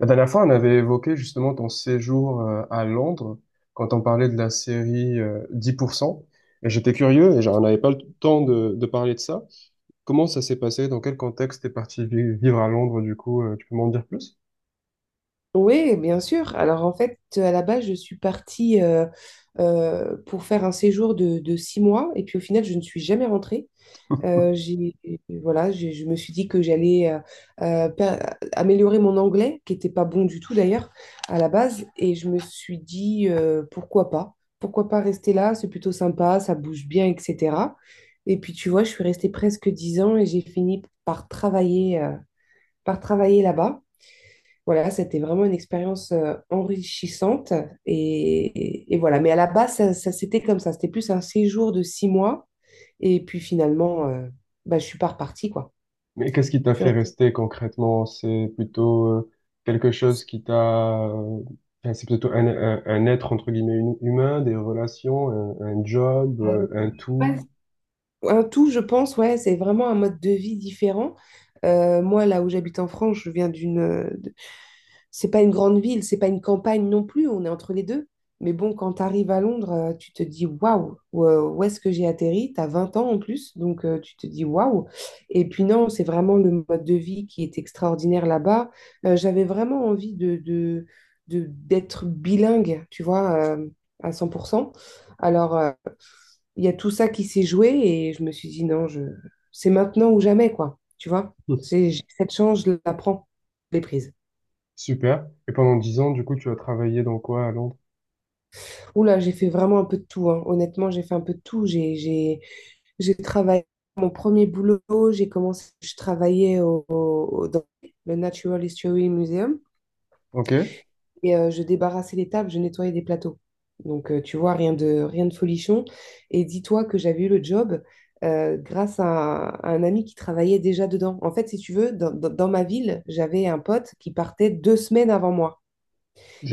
La dernière fois, on avait évoqué justement ton séjour à Londres quand on parlait de la série 10%. Et j'étais curieux et j'en avais pas le temps de parler de ça. Comment ça s'est passé? Dans quel contexte t'es parti vivre à Londres du coup? Tu peux m'en dire plus? Oui, bien sûr. Alors en fait, à la base, je suis partie pour faire un séjour de 6 mois et puis au final, je ne suis jamais rentrée. Euh, j'ai, voilà, je me suis dit que j'allais euh, per- améliorer mon anglais, qui n'était pas bon du tout d'ailleurs à la base, et je me suis dit pourquoi pas rester là, c'est plutôt sympa, ça bouge bien, etc. Et puis tu vois, je suis restée presque 10 ans et j'ai fini par par travailler là-bas. Voilà, c'était vraiment une expérience enrichissante. Et, et voilà. Mais à la base, ça, c'était comme ça. C'était plus un séjour de 6 mois. Et puis finalement, bah, je suis pas repartie, quoi. Mais qu'est-ce qui t'a Je suis fait restée, rester concrètement? C'est plutôt quelque chose qui t'a... enfin, c'est plutôt un être entre guillemets humain, des relations, un job, euh, un ouais, tout. un tout, je pense, ouais, c'est vraiment un mode de vie différent. Moi, là où j'habite en France, je viens d'une c'est pas une grande ville, c'est pas une campagne non plus, on est entre les deux. Mais bon, quand tu arrives à Londres, tu te dis waouh, où est-ce que j'ai atterri? Tu as 20 ans en plus, donc tu te dis waouh. Et puis non, c'est vraiment le mode de vie qui est extraordinaire là-bas. J'avais vraiment envie d'être bilingue, tu vois, à 100%. Alors, il y a tout ça qui s'est joué et je me suis dit non, c'est maintenant ou jamais, quoi. Tu vois, j'ai cette chance, je la prends, je l'ai prise. Super. Et pendant 10 ans, du coup, tu as travaillé dans quoi à Londres? Oula, j'ai fait vraiment un peu de tout, hein. Honnêtement, j'ai fait un peu de tout. J'ai travaillé mon premier boulot, j'ai commencé, je travaillais dans le Natural History Museum Ok. et je débarrassais les tables, je nettoyais des plateaux. Donc, tu vois, rien de folichon. Et dis-toi que j'avais eu le job grâce à un ami qui travaillait déjà dedans. En fait, si tu veux, dans ma ville, j'avais un pote qui partait 2 semaines avant moi.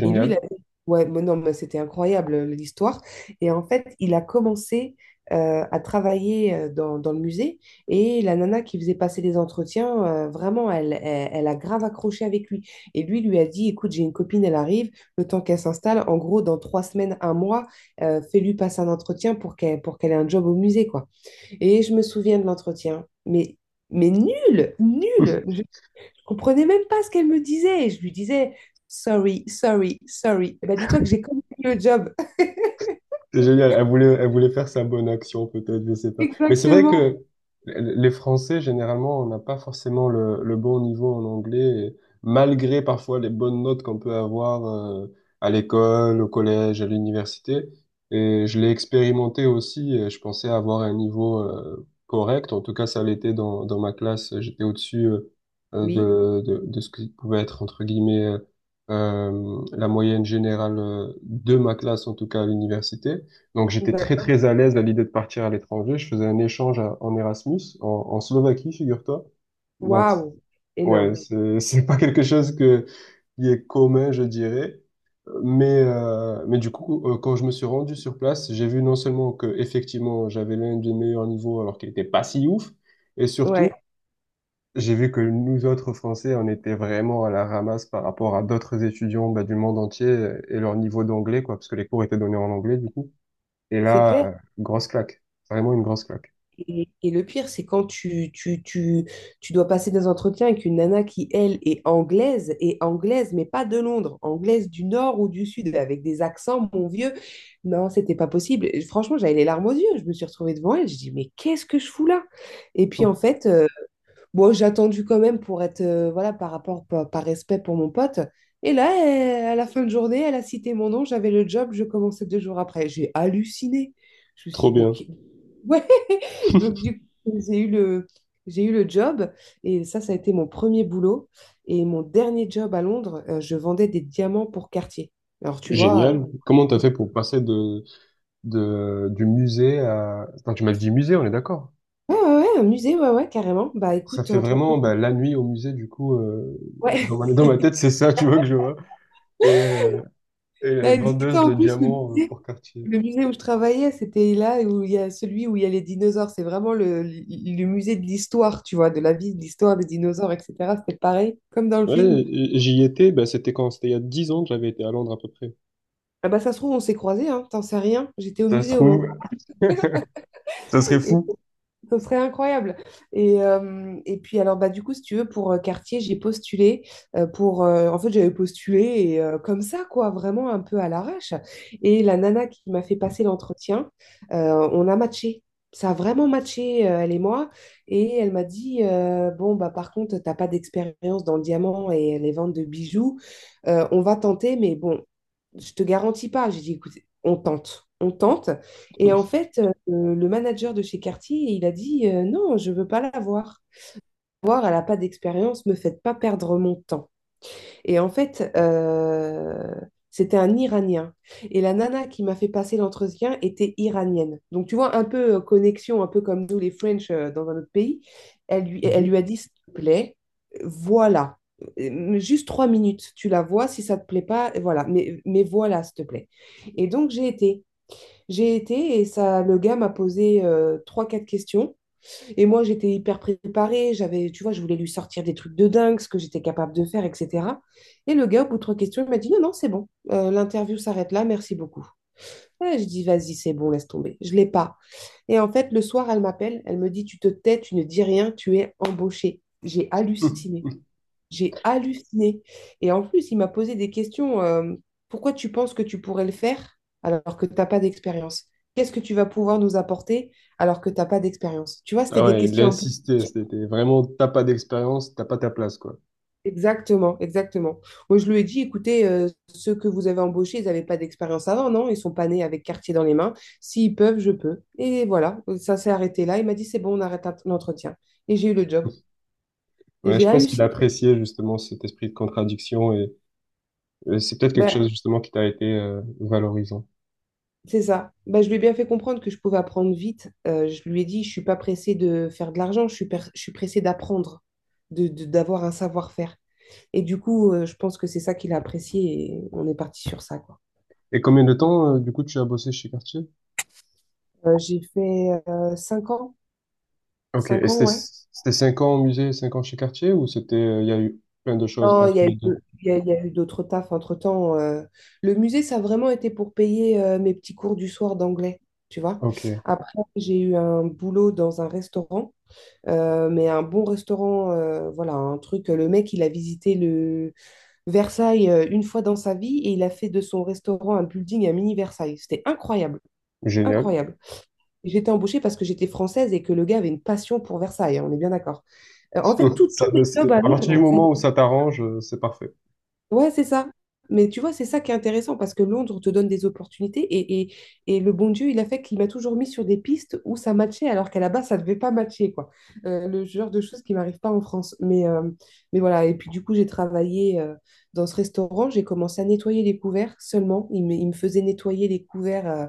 Et lui, il avait. Ouais, mais non, mais c'était incroyable l'histoire. Et en fait, il a commencé à travailler dans le musée. Et la nana qui faisait passer les entretiens, vraiment, elle a grave accroché avec lui. Et lui a dit, écoute, j'ai une copine, elle arrive, le temps qu'elle s'installe, en gros, dans 3 semaines, un mois, fais-lui passer un entretien pour qu'elle ait un job au musée, quoi. Et je me souviens de l'entretien, mais nul, nul comprenais même pas ce qu'elle me disait. Et je lui disais, sorry, sorry, sorry. Eh ben, dis-toi que j'ai compris le job. C'est génial. Elle voulait faire sa bonne action, peut-être, je sais pas. Mais c'est vrai Exactement. que les Français, généralement, on n'a pas forcément le bon niveau en anglais, et malgré parfois les bonnes notes qu'on peut avoir à l'école, au collège, à l'université. Et je l'ai expérimenté aussi. Je pensais avoir un niveau correct. En tout cas, ça l'était dans ma classe. J'étais au-dessus euh, euh, Oui, de, de, de ce qui pouvait être, entre guillemets, la moyenne générale de ma classe, en tout cas à l'université. Donc j'étais très d'accord. très à l'aise à l'idée de partir à l'étranger. Je faisais un échange en Erasmus, en Slovaquie, figure-toi. Donc Waouh, ouais, énorme. c'est c'est pas quelque chose qui est commun, je dirais. Mais du coup, quand je me suis rendu sur place, j'ai vu non seulement que effectivement j'avais l'un des meilleurs niveaux alors qu'il était pas si ouf, et surtout Ouais, j'ai vu que nous autres Français, on était vraiment à la ramasse par rapport à d'autres étudiants bah, du monde entier et leur niveau d'anglais quoi, parce que les cours étaient donnés en anglais du coup. Et c'est là, clair. Grosse claque. Vraiment une grosse claque. Et le pire, c'est quand tu dois passer des entretiens avec une nana qui, elle, est anglaise, et anglaise, mais pas de Londres, anglaise du nord ou du sud, avec des accents, mon vieux. Non, c'était pas possible. Et franchement, j'avais les larmes aux yeux. Je me suis retrouvée devant elle. Je dis, mais qu'est-ce que je fous là? Et puis, en fait, bon, j'ai attendu quand même pour être, voilà, par respect pour mon pote. Et là, à la fin de journée, elle a cité mon nom, j'avais le job, je commençais 2 jours après. J'ai halluciné. Je me Trop suis dit, mais. bien. Ouais! Donc, du coup, j'ai eu le job. Et ça a été mon premier boulot. Et mon dernier job à Londres, je vendais des diamants pour Cartier. Alors, tu vois, Génial. Comment t'as fait pour passer du musée à... Attends, tu m'as dit musée, on est d'accord. Ouais, ouais, ouais, un musée, ouais, ouais, carrément. Bah, Ça écoute, fait entre-temps, vraiment bah, la nuit au musée, du coup, euh, dans ouais, ma, dans ma tête, c'est ça, tu vois, que je vois. Et, euh, et la dis vendeuse en de plus, diamants pour Cartier. le musée où je travaillais, c'était là où il y a celui où il y a les dinosaures. C'est vraiment le musée de l'histoire, tu vois, de la vie, de l'histoire des dinosaures, etc. C'était pareil, comme dans le film. Ouais, j'y étais, bah, c'était quand? C'était il y a 10 ans que j'avais été à Londres à peu près. Ah bah ça se trouve, on s'est croisés, hein, t'en sais rien. J'étais au Ça se musée au moment. trouve, ça serait fou. Ce serait incroyable. Et puis alors bah du coup si tu veux pour quartier j'ai postulé pour en fait j'avais postulé et, comme ça quoi vraiment un peu à l'arrache et la nana qui m'a fait passer l'entretien on a matché ça a vraiment matché elle et moi et elle m'a dit bon bah par contre t'as pas d'expérience dans le diamant et les ventes de bijoux. On va tenter mais bon je te garantis pas. J'ai dit, écoute, on tente, on tente. Et en fait, le manager de chez Cartier, il a dit, non, je veux pas la voir. Voir, elle n'a pas d'expérience, me faites pas perdre mon temps. Et en fait, c'était un Iranien. Et la nana qui m'a fait passer l'entretien était iranienne. Donc, tu vois, un peu connexion, un peu comme nous, les French, dans un autre pays. Elle lui Mhm. a dit, s'il te plaît, voilà. Juste 3 minutes, tu la vois, si ça te plaît pas, voilà, mais voilà, s'il te plaît. Et donc j'ai été et ça, le gars m'a posé trois, quatre questions et moi, j'étais hyper préparée, tu vois, je voulais lui sortir des trucs de dingue, ce que j'étais capable de faire, etc. Et le gars, au bout de trois questions, il m'a dit, non, non, c'est bon. L'interview s'arrête là, merci beaucoup. Et je dis, vas-y, c'est bon, laisse tomber, je ne l'ai pas. Et en fait, le soir, elle m'appelle, elle me dit, tu te tais, tu ne dis rien, tu es embauchée. J'ai halluciné. J'ai halluciné. Et en plus, il m'a posé des questions. Pourquoi tu penses que tu pourrais le faire alors que tu n'as pas d'expérience? Qu'est-ce que tu vas pouvoir nous apporter alors que tu n'as pas d'expérience? Tu vois, c'était Ah des ouais, il a questions un peu. insisté, c'était vraiment, t'as pas d'expérience, t'as pas ta place, quoi. Exactement, exactement. Moi, je lui ai dit, écoutez, ceux que vous avez embauchés, ils n'avaient pas d'expérience avant, non? Ils sont pas nés avec quartier dans les mains. S'ils peuvent, je peux. Et voilà, ça s'est arrêté là. Il m'a dit, c'est bon, on arrête l'entretien. Et j'ai eu le job. Et Ouais, j'ai je pense qu'il halluciné. appréciait justement cet esprit de contradiction et c'est peut-être quelque Ben, chose justement qui t'a été valorisant. c'est ça. Bah, je lui ai bien fait comprendre que je pouvais apprendre vite. Je lui ai dit, je suis pas pressée de faire de l'argent, je suis pressée d'apprendre, d'avoir un savoir-faire. Et du coup, je pense que c'est ça qu'il a apprécié et on est parti sur ça, quoi. Et combien de temps du coup tu as bossé chez Cartier? J'ai fait 5 ans. Ok, Cinq et ans, c'était ouais. c'était 5 ans au musée, 5 ans chez Cartier ou c'était il y a eu plein de choses Non, entre il y a les eu, deux? Il y a eu d'autres tafs entre-temps. Le musée, ça a vraiment été pour payer mes petits cours du soir d'anglais, tu vois. Ok, Après, j'ai eu un boulot dans un restaurant. Mais un bon restaurant, voilà, un truc. Le mec, il a visité le Versailles une fois dans sa vie et il a fait de son restaurant un building, un mini Versailles. C'était incroyable, génial. incroyable. J'étais embauchée parce que j'étais française et que le gars avait une passion pour Versailles, hein, on est bien d'accord. En fait, Ça, tous les jobs à à partir du Londres, ça. moment où ça t'arrange, c'est parfait. Ouais, c'est ça. Mais tu vois, c'est ça qui est intéressant parce que Londres te donne des opportunités et le bon Dieu, il a fait qu'il m'a toujours mis sur des pistes où ça matchait alors qu'à la base, ça ne devait pas matcher, quoi. Le genre de choses qui m'arrivent pas en France. Mais voilà, et puis du coup, j'ai travaillé dans ce restaurant, j'ai commencé à nettoyer les couverts seulement. Il me faisait nettoyer les couverts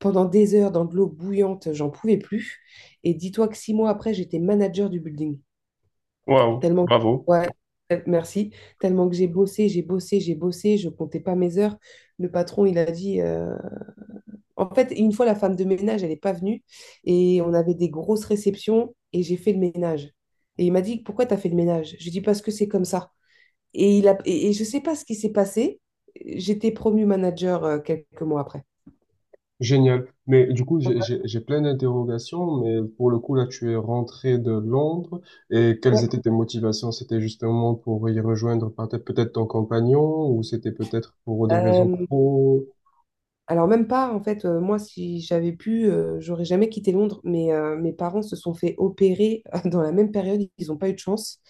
pendant des heures dans de l'eau bouillante, j'en pouvais plus. Et dis-toi que 6 mois après, j'étais manager du building. Waouh, Tellement, bravo. ouais, merci. Tellement que j'ai bossé, j'ai bossé, j'ai bossé, je comptais pas mes heures. Le patron, il a dit. En fait, une fois, la femme de ménage, elle n'est pas venue et on avait des grosses réceptions et j'ai fait le ménage. Et il m'a dit, pourquoi tu as fait le ménage? Je lui ai dit, parce que c'est comme ça. Et, je sais pas ce qui s'est passé. J'étais promue manager quelques mois après. Génial. Mais du coup, j'ai plein d'interrogations, mais pour le coup, là, tu es rentré de Londres et quelles Ouais. étaient tes motivations? C'était justement pour y rejoindre peut-être peut-être ton compagnon ou c'était peut-être pour des raisons Euh, pro? Alors même pas, en fait, moi, si j'avais pu, j'aurais jamais quitté Londres, mais mes parents se sont fait opérer dans la même période, ils n'ont pas eu de chance,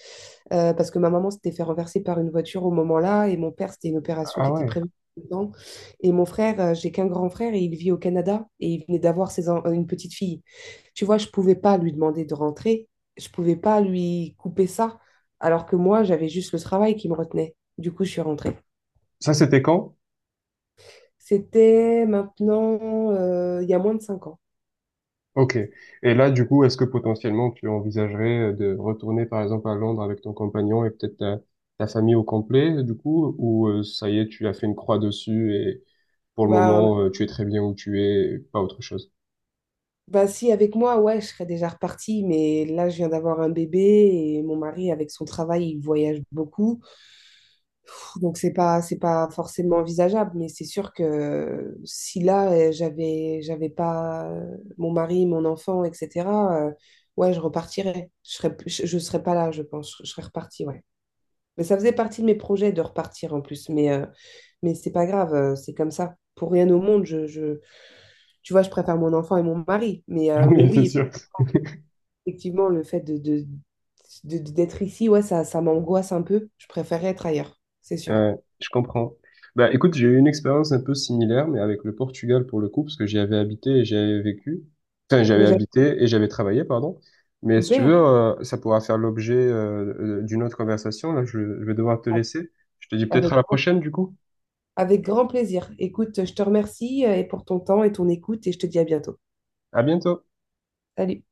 parce que ma maman s'était fait renverser par une voiture au moment-là, et mon père, c'était une opération Ah qui était ouais. prévue dedans. Et mon frère, j'ai qu'un grand frère, et il vit au Canada, et il venait d'avoir une petite fille. Tu vois, je pouvais pas lui demander de rentrer, je pouvais pas lui couper ça, alors que moi, j'avais juste le travail qui me retenait. Du coup, je suis rentrée. Ça, c'était quand? C'était maintenant, il y a moins de 5 ans. Ok. Et là, du coup, est-ce que potentiellement tu envisagerais de retourner, par exemple, à Londres avec ton compagnon et peut-être ta famille au complet, du coup, ou ça y est, tu as fait une croix dessus et pour le Bah, moment, tu es très bien où tu es, pas autre chose? bah, si, avec moi, ouais, je serais déjà repartie, mais là, je viens d'avoir un bébé et mon mari, avec son travail, il voyage beaucoup. Donc, c'est pas forcément envisageable, mais c'est sûr que si là, j'avais pas mon mari, mon enfant, etc., euh, ouais, je repartirais. Je serais pas là, je pense. Je serais repartie, ouais. Mais ça faisait partie de mes projets de repartir en plus. Mais c'est pas grave, c'est comme ça. Pour rien au monde, tu vois, je préfère mon enfant et mon mari. Mais, euh, mais Oui, c'est oui, sûr. effectivement, le fait d'être ici, ouais, ça m'angoisse un peu. Je préférerais être ailleurs, c'est sûr. Ouais, je comprends. Bah, écoute, j'ai eu une expérience un peu similaire, mais avec le Portugal pour le coup, parce que j'y avais habité et j'y avais vécu. Enfin, j'avais Mais j'avoue, habité et j'avais travaillé, pardon. Mais si tu veux, super, ça pourra faire l'objet d'une autre conversation. Là, je vais devoir te laisser. Je te dis peut-être avec à la grand, prochaine, du coup. avec grand plaisir. Écoute, je te remercie et pour ton temps et ton écoute et je te dis à bientôt. À bientôt. Salut.